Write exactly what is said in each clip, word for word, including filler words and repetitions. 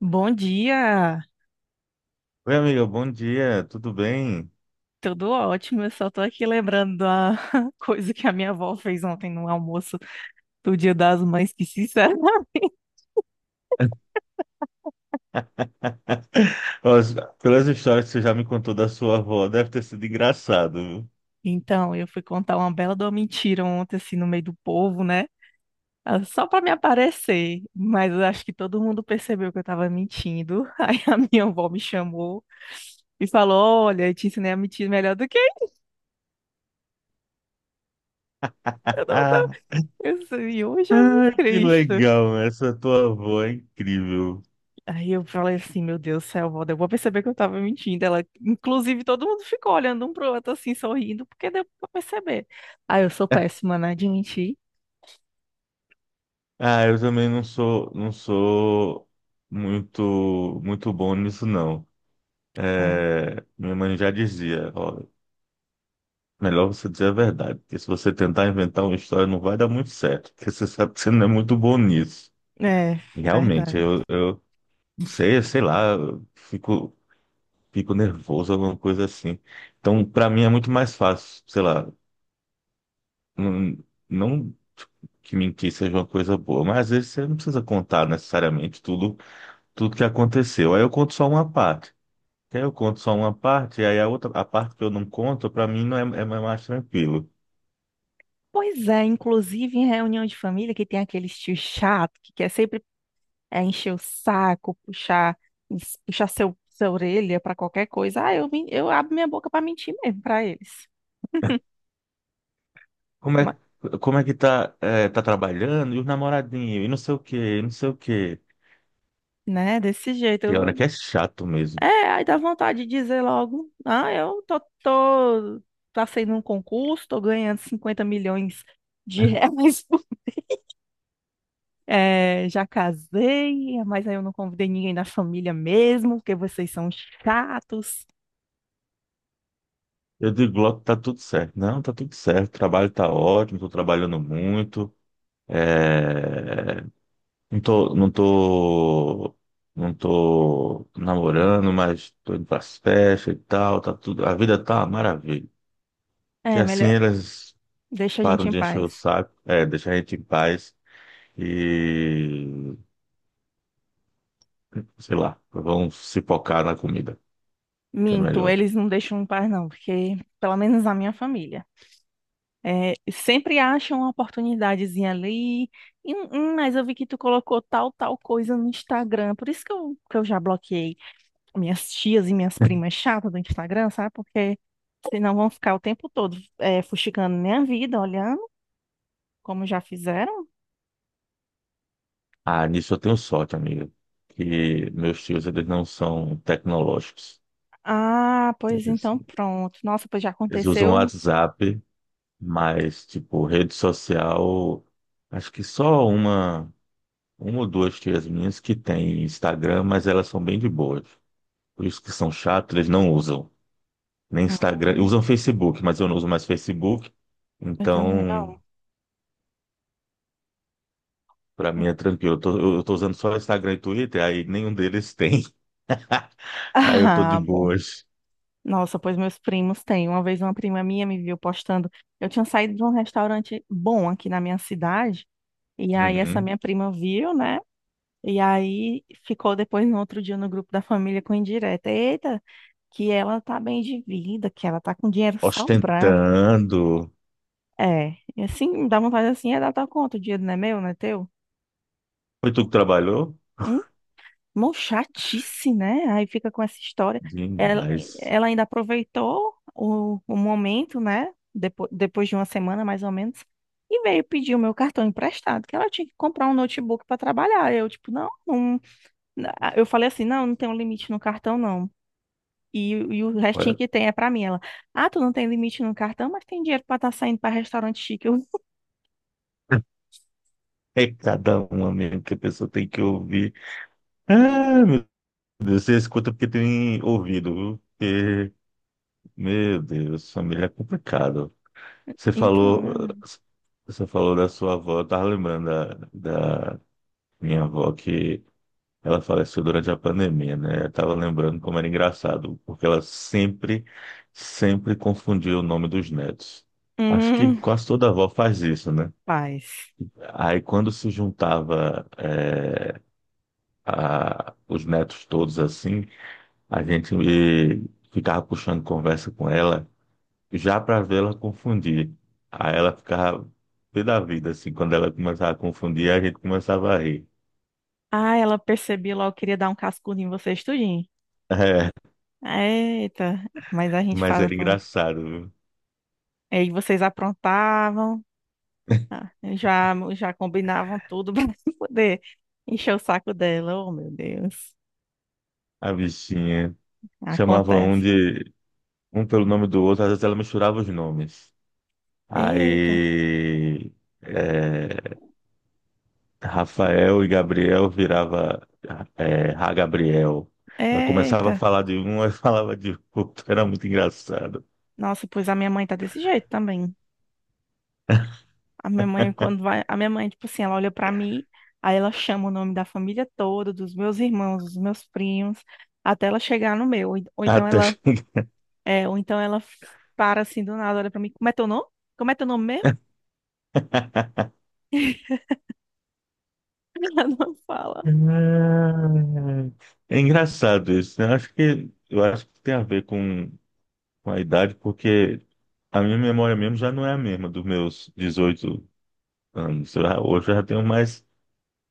Bom dia, Oi, amiga, bom dia, tudo bem? tudo ótimo. Eu só tô aqui lembrando da coisa que a minha avó fez ontem no almoço do Dia das Mães, que sincero. Pelas pelas histórias que você já me contou da sua avó, deve ter sido engraçado, viu? Então, eu fui contar uma bela de uma mentira ontem, assim, no meio do povo, né? Ah, só pra me aparecer, mas eu acho que todo mundo percebeu que eu tava mentindo. Aí a minha avó me chamou e falou: Olha, eu te ensinei a mentir melhor do que eu não Ah, tô. Eu disse, "Ô, Jesus que Cristo." legal, essa tua avó é incrível. Aí eu falei assim, meu Deus do céu, Valda, eu vou perceber que eu tava mentindo. Ela, inclusive, todo mundo ficou olhando um pro outro assim, sorrindo, porque deu pra perceber. Ah, eu sou péssima, né, de mentir. Ah, eu também não sou, não sou muito, muito bom nisso, não. É, É, minha mãe já dizia, ó, melhor você dizer a verdade, porque se você tentar inventar uma história não vai dar muito certo, porque você sabe que você não é muito bom nisso. é, Realmente, verdade. eu, eu não sei, sei lá, eu fico, fico nervoso, alguma coisa assim. Então, pra mim é muito mais fácil, sei lá, não, não que mentir seja uma coisa boa, mas às vezes você não precisa contar necessariamente tudo, tudo que aconteceu. Aí eu conto só uma parte. Aí eu conto só uma parte, e aí a outra, a parte que eu não conto, pra mim não é, é mais tranquilo. Pois é, inclusive em reunião de família que tem aquele tio chato que quer sempre é, encher o saco, puxar, puxar seu, sua orelha pra qualquer coisa. Ah, eu, men- eu abro minha boca pra mentir mesmo pra eles. Como Ma- é, como é que tá, é, tá trabalhando, e os namoradinhos, e não sei o quê, e não sei o quê. né, desse Tem hora que jeito. é chato mesmo. É, aí dá vontade de dizer logo, ah, eu tô, tô passei num concurso, tô ganhando cinquenta milhões de reais, é, já casei, mas aí eu não convidei ninguém da família mesmo, porque vocês são chatos. Eu digo logo que tá tudo certo. Não, tá tudo certo. O trabalho tá ótimo, tô trabalhando muito. É, Não tô, não tô, não tô namorando, mas tô indo pras festas e tal, tá tudo. A vida tá uma maravilha. Que É, assim melhor, elas deixa a gente param em de encher paz. o saco, é, deixar a gente em paz e, sei lá, vão se focar na comida, que é Minto, melhor. eles não deixam em paz não, porque pelo menos a minha família. É, sempre acham uma oportunidadezinha ali, e, hum, mas eu vi que tu colocou tal, tal coisa no Instagram, por isso que eu, que eu já bloqueei minhas tias e minhas primas chatas do Instagram, sabe? Porque senão vão ficar o tempo todo é, fuxicando minha vida, olhando, como já fizeram. Ah, nisso eu tenho sorte, amiga, que meus tios, eles não são tecnológicos. Ah, pois Eles então pronto. Nossa, pois já Eles usam aconteceu. WhatsApp, mas, tipo, rede social, acho que só uma, uma ou duas tias minhas que têm Instagram, mas elas são bem de boas. Por isso que são chatos, eles não usam. Nem Instagram, usam Facebook, mas eu não uso mais Facebook. Eu também Então, não. pra mim é tranquilo. Eu tô, eu eu tô usando só Instagram e Twitter, aí nenhum deles tem. Aí eu tô de Ah, bom. boas. Nossa, pois meus primos têm. Uma vez uma prima minha me viu postando. Eu tinha saído de um restaurante bom aqui na minha cidade. E aí essa Uhum. minha prima viu, né? E aí ficou depois no outro dia no grupo da família com indireta. Eita, que ela tá bem de vida, que ela tá com dinheiro sobrando. Ostentando. É, e assim, dá vontade assim, é dar tua conta, o dinheiro não é meu, não é teu? Foi tu que trabalhou? Hum, Mó chatice, né? Aí fica com essa história. Ela, Demais. ela ainda aproveitou o, o momento, né? Depois, depois de uma semana, mais ou menos, e veio pedir o meu cartão emprestado, que ela tinha que comprar um notebook para trabalhar. Eu, tipo, não, não. Eu falei assim, não, não tem um limite no cartão, não. E, e o restinho Olha. que tem é pra mim. Ela, ah, tu não tem limite no cartão, mas tem dinheiro pra estar saindo pra restaurante chique. Eu, É cada uma mesmo que a pessoa tem que ouvir. Ah, meu Deus, você escuta porque tem ouvido, viu? Porque, meu Deus, família é complicado. Você então, falou, Ana. você falou da sua avó, eu tava lembrando da, da minha avó que ela faleceu durante a pandemia, né? Eu tava lembrando como era engraçado, porque ela sempre, sempre confundia o nome dos netos. Acho que Hum, quase toda avó faz isso, né? paz. Aí quando se juntava, eh, a- os netos todos assim, a gente eh, ficava puxando conversa com ela já para vê-la confundir. Aí ela ficava pé da vida, assim, quando ela começava a confundir, a gente começava a rir. Ah, ela percebia logo, queria dar um cascudo em vocês tudinho. É, Eita, mas a gente mas faz era também. engraçado, viu? Aí vocês aprontavam, ah, já, já combinavam tudo pra poder encher o saco dela. Oh, meu Deus. A bichinha chamava um Acontece. de um pelo nome do outro, às vezes ela misturava os nomes. Eita, Aí, eh, Rafael e Gabriel virava é, Ra Gabriel. Ela começava eita. a falar de um e falava de outro. Era muito engraçado. Nossa, pois a minha mãe tá desse jeito também. A minha mãe, quando vai, a minha mãe, tipo assim, ela olha pra mim, aí ela chama o nome da família toda, dos meus irmãos, dos meus primos, até ela chegar no meu. Ou ou então Até... ela, é, ou então ela para assim do nada, olha pra mim, como é teu nome? Como é teu nome mesmo? Ela não fala. É engraçado isso, né? Eu Acho que, eu acho que tem a ver com, com a idade, porque a minha memória mesmo já não é a mesma dos meus dezoito anos. Eu já- hoje eu já tenho mais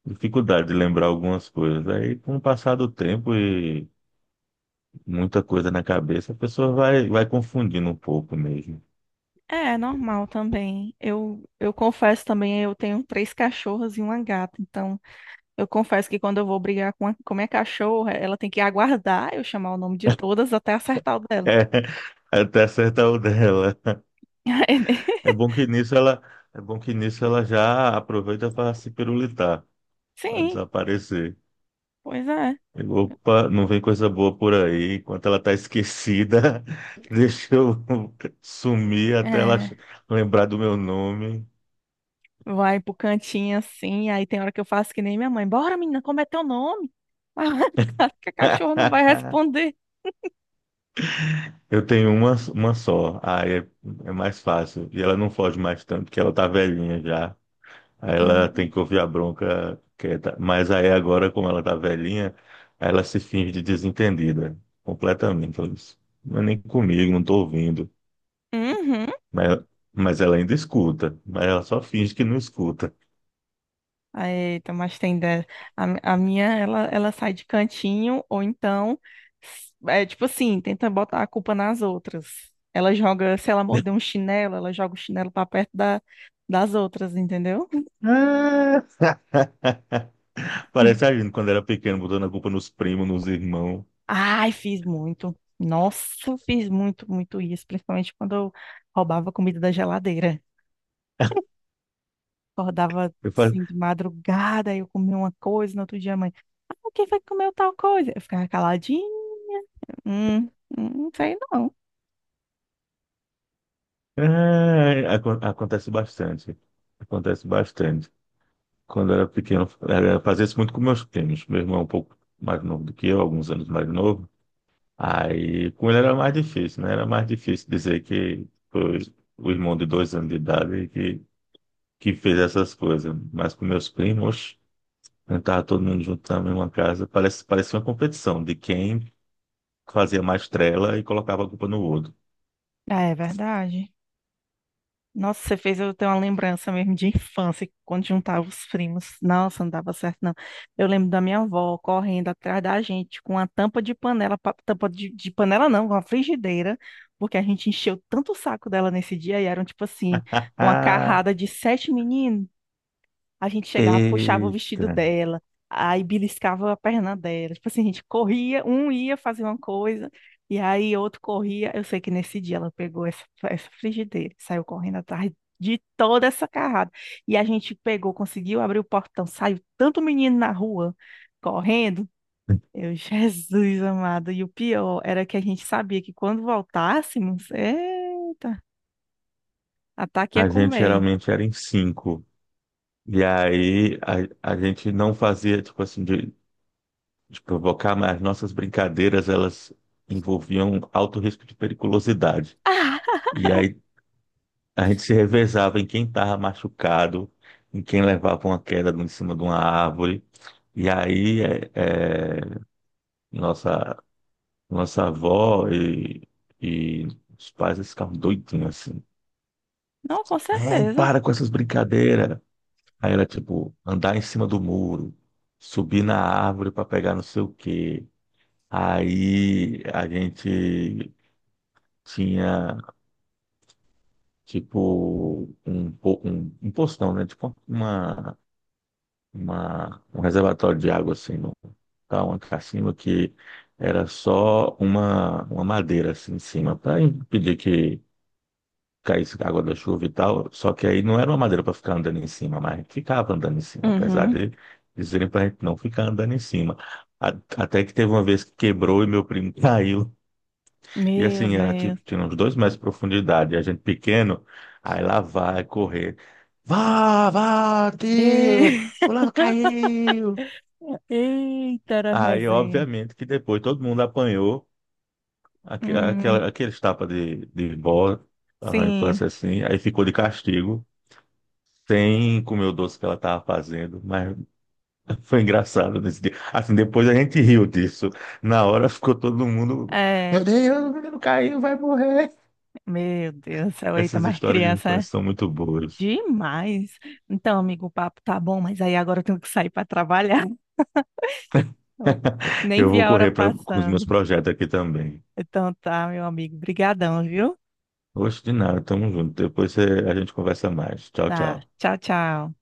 dificuldade de lembrar algumas coisas. Aí, com o passar do tempo e muita coisa na cabeça, a pessoa vai, vai confundindo um pouco mesmo. É, é normal também. Eu, eu confesso também, eu tenho três cachorras e uma gata. Então, eu confesso que quando eu vou brigar com a, com a minha cachorra, ela tem que aguardar eu chamar o nome de todas até acertar o dela. É, até acertar o dela. É bom que nisso ela, é bom que nisso ela já aproveita para se pirulitar, para Sim, desaparecer. pois é. E, opa, não vem coisa boa por aí. Enquanto ela tá esquecida, deixa eu sumir até ela É, lembrar do meu nome. vai pro cantinho assim, aí tem hora que eu faço que nem minha mãe. Bora, menina, como é teu nome? Claro que a cachorra não vai responder. Eu tenho uma, uma só, aí é, é mais fácil. E ela não foge mais tanto, porque ela tá velhinha já. Aí ela tem Hum. que ouvir a bronca quieta. Mas aí agora, como ela tá velhinha, aí ela se finge de desentendida. Completamente. Ela diz, não é nem comigo, não tô ouvindo. Uhum. Mas, mas ela ainda escuta. Mas ela só finge que não escuta. Ah, eita, mas tem dessa. A, mi- a minha, ela, ela sai de cantinho, ou então, s- é tipo assim, tenta botar a culpa nas outras. Ela joga, se ela morder um chinelo, ela joga o chinelo pra perto da, das outras, entendeu? Ah! Parece a gente quando era pequeno, botando a culpa nos primos, nos irmãos. Ai, fiz muito. Nossa, fiz muito, muito isso, principalmente quando eu roubava comida da geladeira. Acordava Eu falo, assim de madrugada, aí eu comia uma coisa, no outro dia a mãe, ah, quem foi que comeu tal coisa? Eu ficava caladinho, hum, hum, não sei não. ah, acon- acontece bastante. Acontece bastante. Quando eu era pequeno, era, fazia isso muito com meus primos. Meu irmão é um pouco mais novo do que eu, alguns anos mais novo. Aí, com ele era mais difícil, né? Era mais difícil dizer que foi o irmão de dois anos de idade que, que fez essas coisas. Mas com meus primos, quando tava todo mundo junto na mesma casa, parece, parecia uma competição de quem fazia mais trela e colocava a culpa no outro. Ah, é verdade. Nossa, você fez eu ter uma lembrança mesmo de infância, quando juntava os primos. Nossa, não dava certo, não. Eu lembro da minha avó correndo atrás da gente com uma tampa de panela, pa- tampa de, de panela não, com uma frigideira, porque a gente encheu tanto o saco dela nesse dia e eram, tipo assim, uma carrada de sete meninos. A gente chegava, puxava o vestido Eita! dela, aí beliscava a perna dela. Tipo assim, a gente corria, um ia fazer uma coisa, e aí outro corria. Eu sei que nesse dia ela pegou essa, essa frigideira, saiu correndo atrás de toda essa carrada. E a gente pegou, conseguiu abrir o portão, saiu tanto menino na rua correndo. Eu, Jesus amado. E o pior era que a gente sabia que quando voltássemos, eita, ataque ia A gente comer. geralmente era em cinco. E aí a, a gente não fazia, tipo assim, de, de provocar, mas as nossas brincadeiras, elas envolviam alto risco de periculosidade. Ah, E aí a gente se revezava em quem estava machucado, em quem levava uma queda em cima de uma árvore. E aí é, é, nossa, nossa avó e, e os pais eles ficavam doidinhos assim. não, com É, certeza. para com essas brincadeiras. Aí era tipo andar em cima do muro, subir na árvore para pegar não sei o quê. Aí a gente tinha tipo um, po- um, um postão, né? Tipo uma uma, um reservatório de água assim, no, tá, uma cacimba que era só uma, uma madeira assim em cima, para impedir que caísse água da chuva e tal. Só que aí não era uma madeira para ficar andando em cima, mas a gente ficava andando em cima, apesar Uhum. de dizerem para a gente não ficar andando em cima. A- Até que teve uma vez que quebrou e meu primo caiu. E Meu assim, era tipo, Deus. tinha uns dois metros de profundidade, e a gente pequeno, aí lá vai correr. Vá, vá, tio! E- Fulano caiu! Eita, era Aí, resenha. obviamente, que depois todo mundo apanhou aque- Hum, aquela, aqueles tapas de, de bola na sim, infância assim, aí ficou de castigo, sem comer o doce que ela estava fazendo, mas foi engraçado nesse dia. Assim, depois a gente riu disso. Na hora ficou todo mundo, meu é. Deus, o menino caiu, vai morrer. Meu Deus do céu, eita, Essas mais histórias de criança, é infância são muito boas. demais. Então, amigo, o papo tá bom, mas aí agora eu tenho que sair para trabalhar. Eu nem Eu vi vou a hora correr pra, com os passando. meus projetos aqui também. Então tá, meu amigo, brigadão, viu? Oxe, de nada, tamo junto. Depois eh, a gente conversa mais. Tchau, tchau. Tá, tchau, tchau.